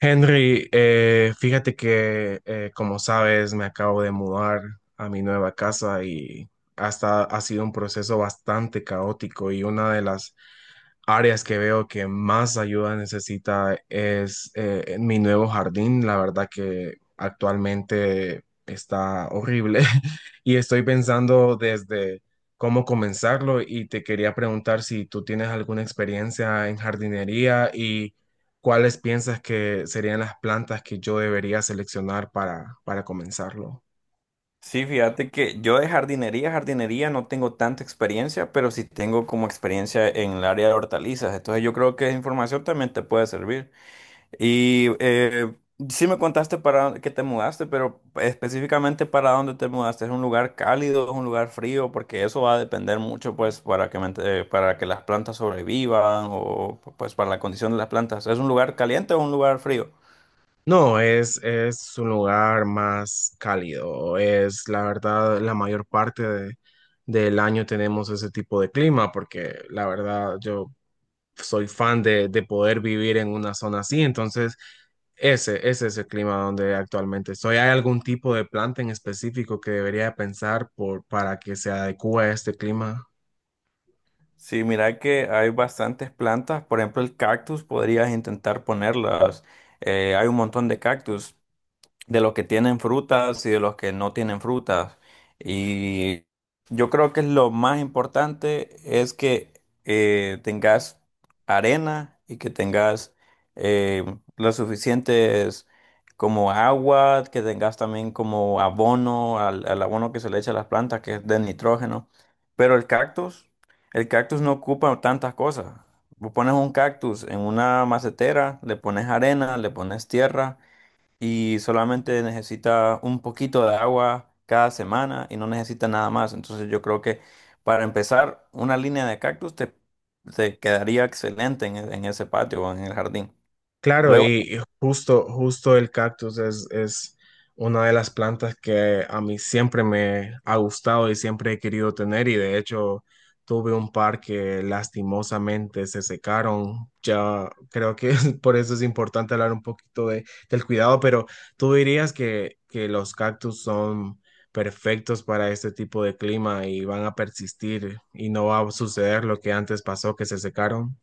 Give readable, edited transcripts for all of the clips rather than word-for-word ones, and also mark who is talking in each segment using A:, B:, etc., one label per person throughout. A: Henry, fíjate que como sabes, me acabo de mudar a mi nueva casa y hasta ha sido un proceso bastante caótico, y una de las áreas que veo que más ayuda necesita es, en mi nuevo jardín. La verdad que actualmente está horrible y estoy pensando desde cómo comenzarlo, y te quería preguntar si tú tienes alguna experiencia en jardinería y... ¿cuáles piensas que serían las plantas que yo debería seleccionar para comenzarlo?
B: Sí, fíjate que yo de jardinería no tengo tanta experiencia, pero sí tengo como experiencia en el área de hortalizas. Entonces yo creo que esa información también te puede servir. Y eh, sí me contaste para que te mudaste, pero específicamente para dónde te mudaste. ¿Es un lugar cálido, es un lugar frío? Porque eso va a depender mucho, pues, para que para que las plantas sobrevivan o pues para la condición de las plantas. ¿Es un lugar caliente o un lugar frío?
A: No, es un lugar más cálido. Es la verdad, la mayor parte del año tenemos ese tipo de clima, porque la verdad yo soy fan de poder vivir en una zona así. Entonces, ese es el clima donde actualmente estoy. ¿Hay algún tipo de planta en específico que debería pensar para que se adecue a este clima?
B: Sí, mira que hay bastantes plantas, por ejemplo el cactus, podrías intentar ponerlas. Hay un montón de cactus de los que tienen frutas y de los que no tienen frutas. Y yo creo que lo más importante es que tengas arena y que tengas eh, las suficientes como agua, que tengas también como abono, al abono que se le echa a las plantas, que es de nitrógeno. Pero el cactus no ocupa tantas cosas. Vos pones un cactus en una macetera, le pones arena, le pones tierra y solamente necesita un poquito de agua cada semana y no necesita nada más. Entonces yo creo que para empezar, una línea de te quedaría excelente en, en ese patio o en el jardín.
A: Claro,
B: Luego
A: y justo el cactus es una de las plantas que a mí siempre me ha gustado y siempre he querido tener, y de hecho tuve un par que lastimosamente se secaron. Ya creo que por eso es importante hablar un poquito del cuidado, pero tú dirías que los cactus son perfectos para este tipo de clima y van a persistir, y no va a suceder lo que antes pasó, que se secaron.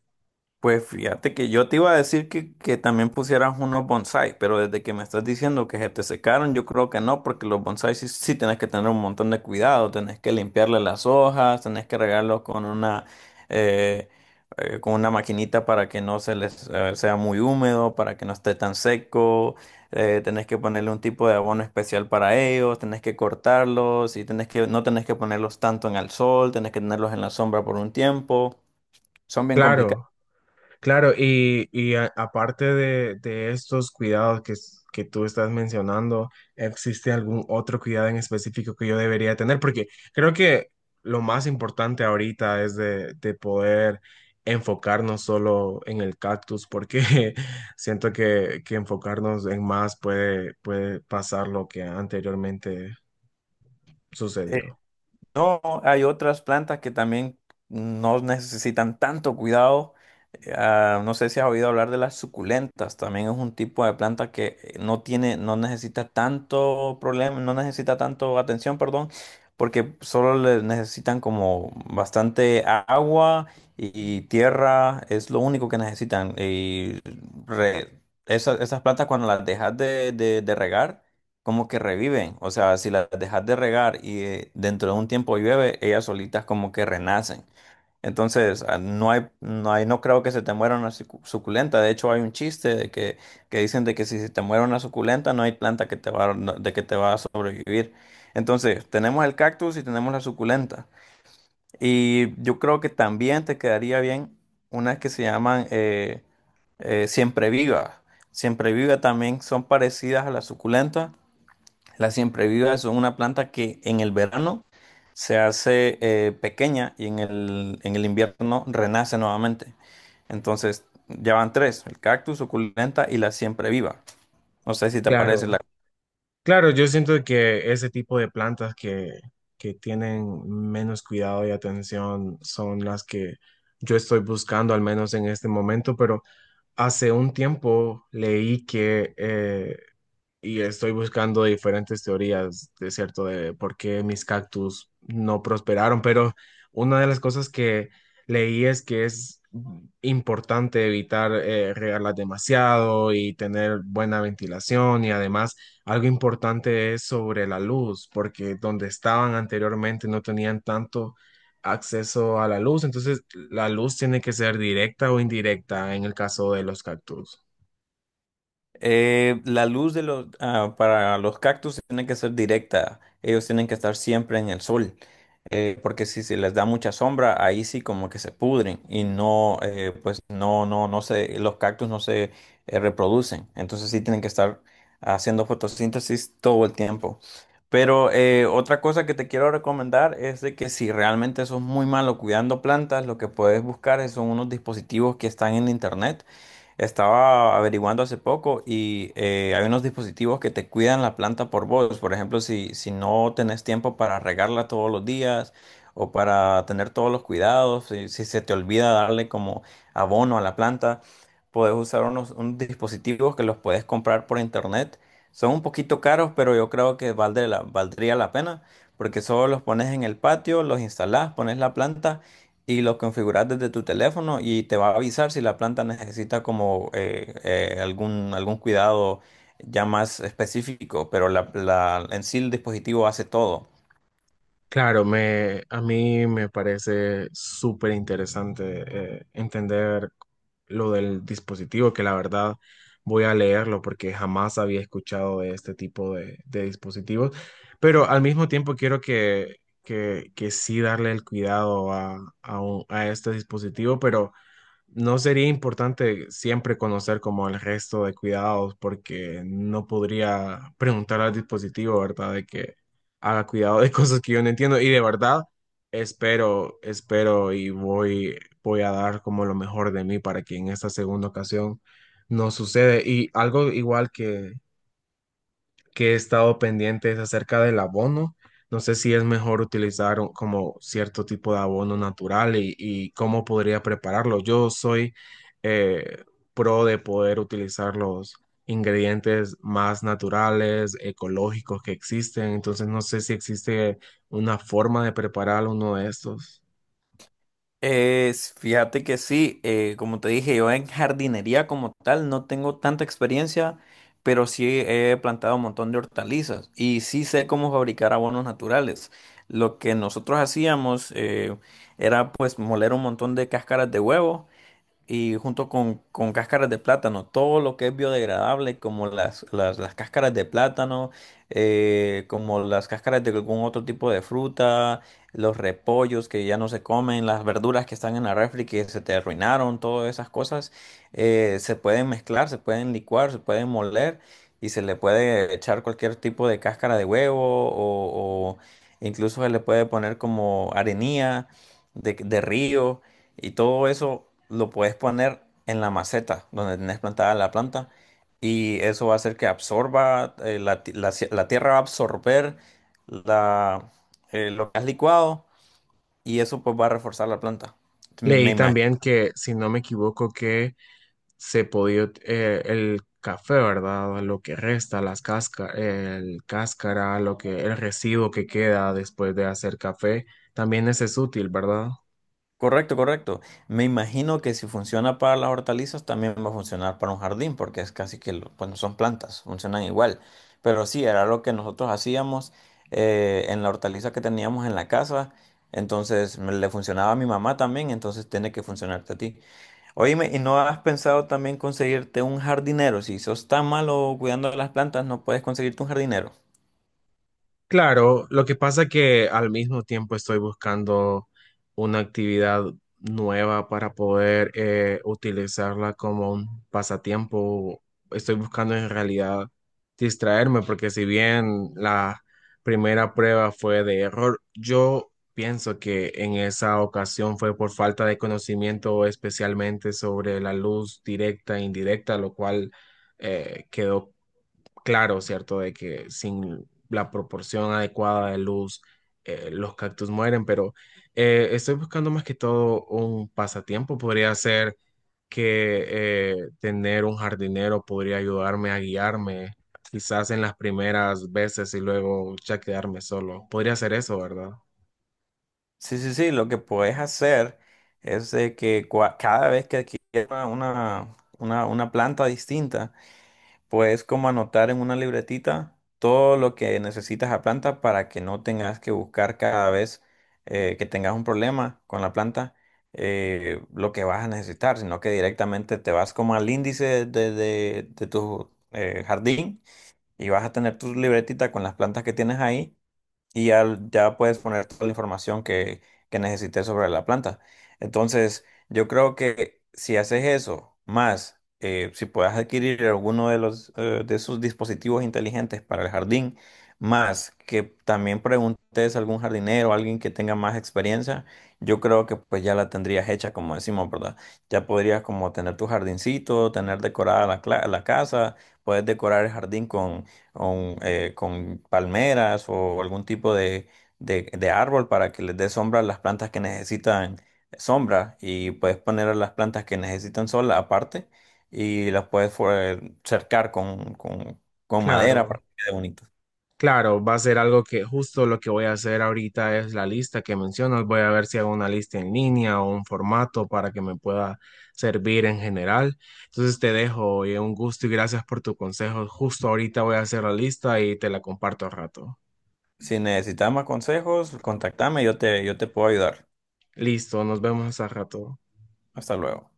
B: pues fíjate que yo te iba a decir que también pusieras unos bonsai, pero desde que me estás diciendo que se te secaron, yo creo que no, porque los bonsai sí tenés que tener un montón de cuidado, tenés que limpiarle las hojas, tenés que regarlos eh, con una maquinita para que no se les sea muy húmedo, para que no esté tan seco, tenés que ponerle un tipo de abono especial para ellos, tenés que cortarlos y tenés que no tenés que ponerlos tanto en el sol, tenés que tenerlos en la sombra por un tiempo, son bien complicados.
A: Claro. Claro, y, aparte de estos cuidados que, que tú estás mencionando, ¿existe algún otro cuidado en específico que yo debería tener? Porque creo que lo más importante ahorita es de poder enfocarnos solo en el cactus, porque siento que enfocarnos en más puede pasar lo que anteriormente sucedió.
B: No, hay otras plantas que también no necesitan tanto cuidado. No sé si has oído hablar de las suculentas. También es un tipo de planta que no tiene, no necesita tanto problema, no necesita tanto atención, perdón, porque solo le necesitan como bastante agua y tierra. Es lo único que necesitan. Y re- esas plantas cuando las dejas de regar como que reviven. O sea, si las dejas de regar y dentro de un tiempo llueve, ellas solitas como que renacen. Entonces, no hay, no creo que se te muera una suculenta. De hecho, hay un chiste que dicen de que si se te muere una suculenta, no hay planta que te va, a- no- de que te va a sobrevivir. Entonces, tenemos el cactus y tenemos la suculenta. Y yo creo que también te quedaría bien unas que se llaman siempre viva. Siempre viva también son parecidas a la suculenta, las siemprevivas son una planta que en el verano se hace pequeña y en en el invierno renace nuevamente. Entonces, ya van tres, el cactus, suculenta y la siempreviva. No sé si te
A: Claro.
B: parece la.
A: Claro, yo siento que ese tipo de plantas que tienen menos cuidado y atención son las que yo estoy buscando, al menos en este momento, pero hace un tiempo leí que y estoy buscando diferentes teorías, de cierto, de por qué mis cactus no prosperaron, pero una de las cosas que leí es que es importante evitar regarlas demasiado y tener buena ventilación, y además algo importante es sobre la luz, porque donde estaban anteriormente no tenían tanto acceso a la luz. Entonces, la luz tiene que ser directa o indirecta en el caso de los cactus.
B: La luz de para los cactus tiene que ser directa. Ellos tienen que estar siempre en el sol. Porque si se les da mucha sombra, ahí sí como que se pudren y no se, los cactus no se reproducen. Entonces sí tienen que estar haciendo fotosíntesis todo el tiempo. Pero otra cosa que te quiero recomendar es de que si realmente sos muy malo cuidando plantas, lo que puedes buscar son unos dispositivos que están en internet. Estaba averiguando hace poco y hay unos dispositivos que te cuidan la planta por vos. Por ejemplo, si no tenés tiempo para regarla todos los días o para tener todos los cuidados, si se te olvida darle como abono a la planta, podés usar unos dispositivos que los puedes comprar por internet. Son un poquito caros, pero yo creo que valdría valdría la pena porque solo los pones en el patio, los instalás, pones la planta y los configuras desde tu teléfono y te va a avisar si la planta necesita como algún cuidado ya más específico, pero en sí el dispositivo hace todo.
A: Claro, a mí me parece súper interesante, entender lo del dispositivo, que la verdad voy a leerlo porque jamás había escuchado de este tipo de dispositivos, pero al mismo tiempo quiero que sí darle el cuidado a, a este dispositivo, pero no sería importante siempre conocer como el resto de cuidados, porque no podría preguntar al dispositivo, ¿verdad? De que haga cuidado de cosas que yo no entiendo, y de verdad espero, espero y voy a dar como lo mejor de mí para que en esta segunda ocasión no sucede. Y algo igual que he estado pendiente es acerca del abono. No sé si es mejor utilizar como cierto tipo de abono natural, y cómo podría prepararlo. Yo soy eh, pro de poder utilizar los ingredientes más naturales, ecológicos que existen. Entonces no sé si existe una forma de preparar uno de estos.
B: Fíjate que sí, como te dije, yo en jardinería como tal no tengo tanta experiencia, pero sí he plantado un montón de hortalizas y sí sé cómo fabricar abonos naturales. Lo que nosotros hacíamos era pues moler un montón de cáscaras de huevo y junto con cáscaras de plátano, todo lo que es biodegradable, como las cáscaras de plátano, como las cáscaras de algún otro tipo de fruta, los repollos que ya no se comen, las verduras que están en la refri que se te arruinaron, todas esas cosas, se pueden mezclar, se pueden licuar, se pueden moler y se le puede echar cualquier tipo de cáscara de huevo o incluso se le puede poner como arenilla de río. Y todo eso lo puedes poner en la maceta donde tenés plantada la planta y eso va a hacer que absorba, la tierra va a absorber la, lo que has licuado y eso pues va a reforzar la planta.
A: Leí
B: Me me
A: también que, si no me equivoco, que se podía, el café, ¿verdad? Lo que resta, las casca, el cáscara, lo que, el residuo que queda después de hacer café, también ese es útil, ¿verdad?
B: Correcto, correcto. Me imagino que si funciona para las hortalizas, también va a funcionar para un jardín, porque es casi que, bueno, son plantas, funcionan igual. Pero sí, era lo que nosotros hacíamos en la hortaliza que teníamos en la casa. Le funcionaba a mi mamá también, entonces tiene que funcionarte a ti. Oíme, ¿y no has pensado también conseguirte un jardinero? Si sos tan malo cuidando de las plantas, no puedes conseguirte un jardinero.
A: Claro, lo que pasa que al mismo tiempo estoy buscando una actividad nueva para poder utilizarla como un pasatiempo. Estoy buscando en realidad distraerme, porque si bien la primera prueba fue de error, yo pienso que en esa ocasión fue por falta de conocimiento, especialmente sobre la luz directa e indirecta, lo cual quedó claro, ¿cierto? De que sin la proporción adecuada de luz, los cactus mueren, pero estoy buscando más que todo un pasatiempo. Podría ser que tener un jardinero podría ayudarme a guiarme, quizás en las primeras veces y luego ya quedarme solo. Podría ser eso, ¿verdad?
B: Sí, sí, sí, lo que puedes hacer es de que cada vez que adquieras una planta distinta, puedes como anotar en una libretita todo lo que necesitas a planta para que no tengas que buscar cada vez que tengas un problema con la planta, lo que vas a necesitar, sino que directamente te vas como al índice de tu jardín y vas a tener tu libretita con las plantas que tienes ahí y ya puedes poner toda la información que necesites sobre la planta. Entonces, yo creo que si haces eso, más si puedes adquirir alguno de los de esos dispositivos inteligentes para el jardín, más que también preguntes a algún jardinero, alguien que tenga más experiencia, yo creo que pues ya la tendrías hecha, como decimos, ¿verdad? Ya podrías como tener tu jardincito, tener decorada la casa, puedes decorar el jardín con palmeras o algún tipo de árbol para que les dé sombra a las plantas que necesitan sombra y puedes poner a las plantas que necesitan sol aparte y las puedes cercar con madera
A: Claro.
B: para que quede bonito.
A: Claro, va a ser algo que justo lo que voy a hacer ahorita es la lista que mencionas. Voy a ver si hago una lista en línea o un formato para que me pueda servir en general. Entonces te dejo, oye, un gusto y gracias por tu consejo. Justo ahorita voy a hacer la lista y te la comparto al rato.
B: Si necesitas más consejos, contactame, yo te puedo ayudar.
A: Listo, nos vemos al rato.
B: Hasta luego.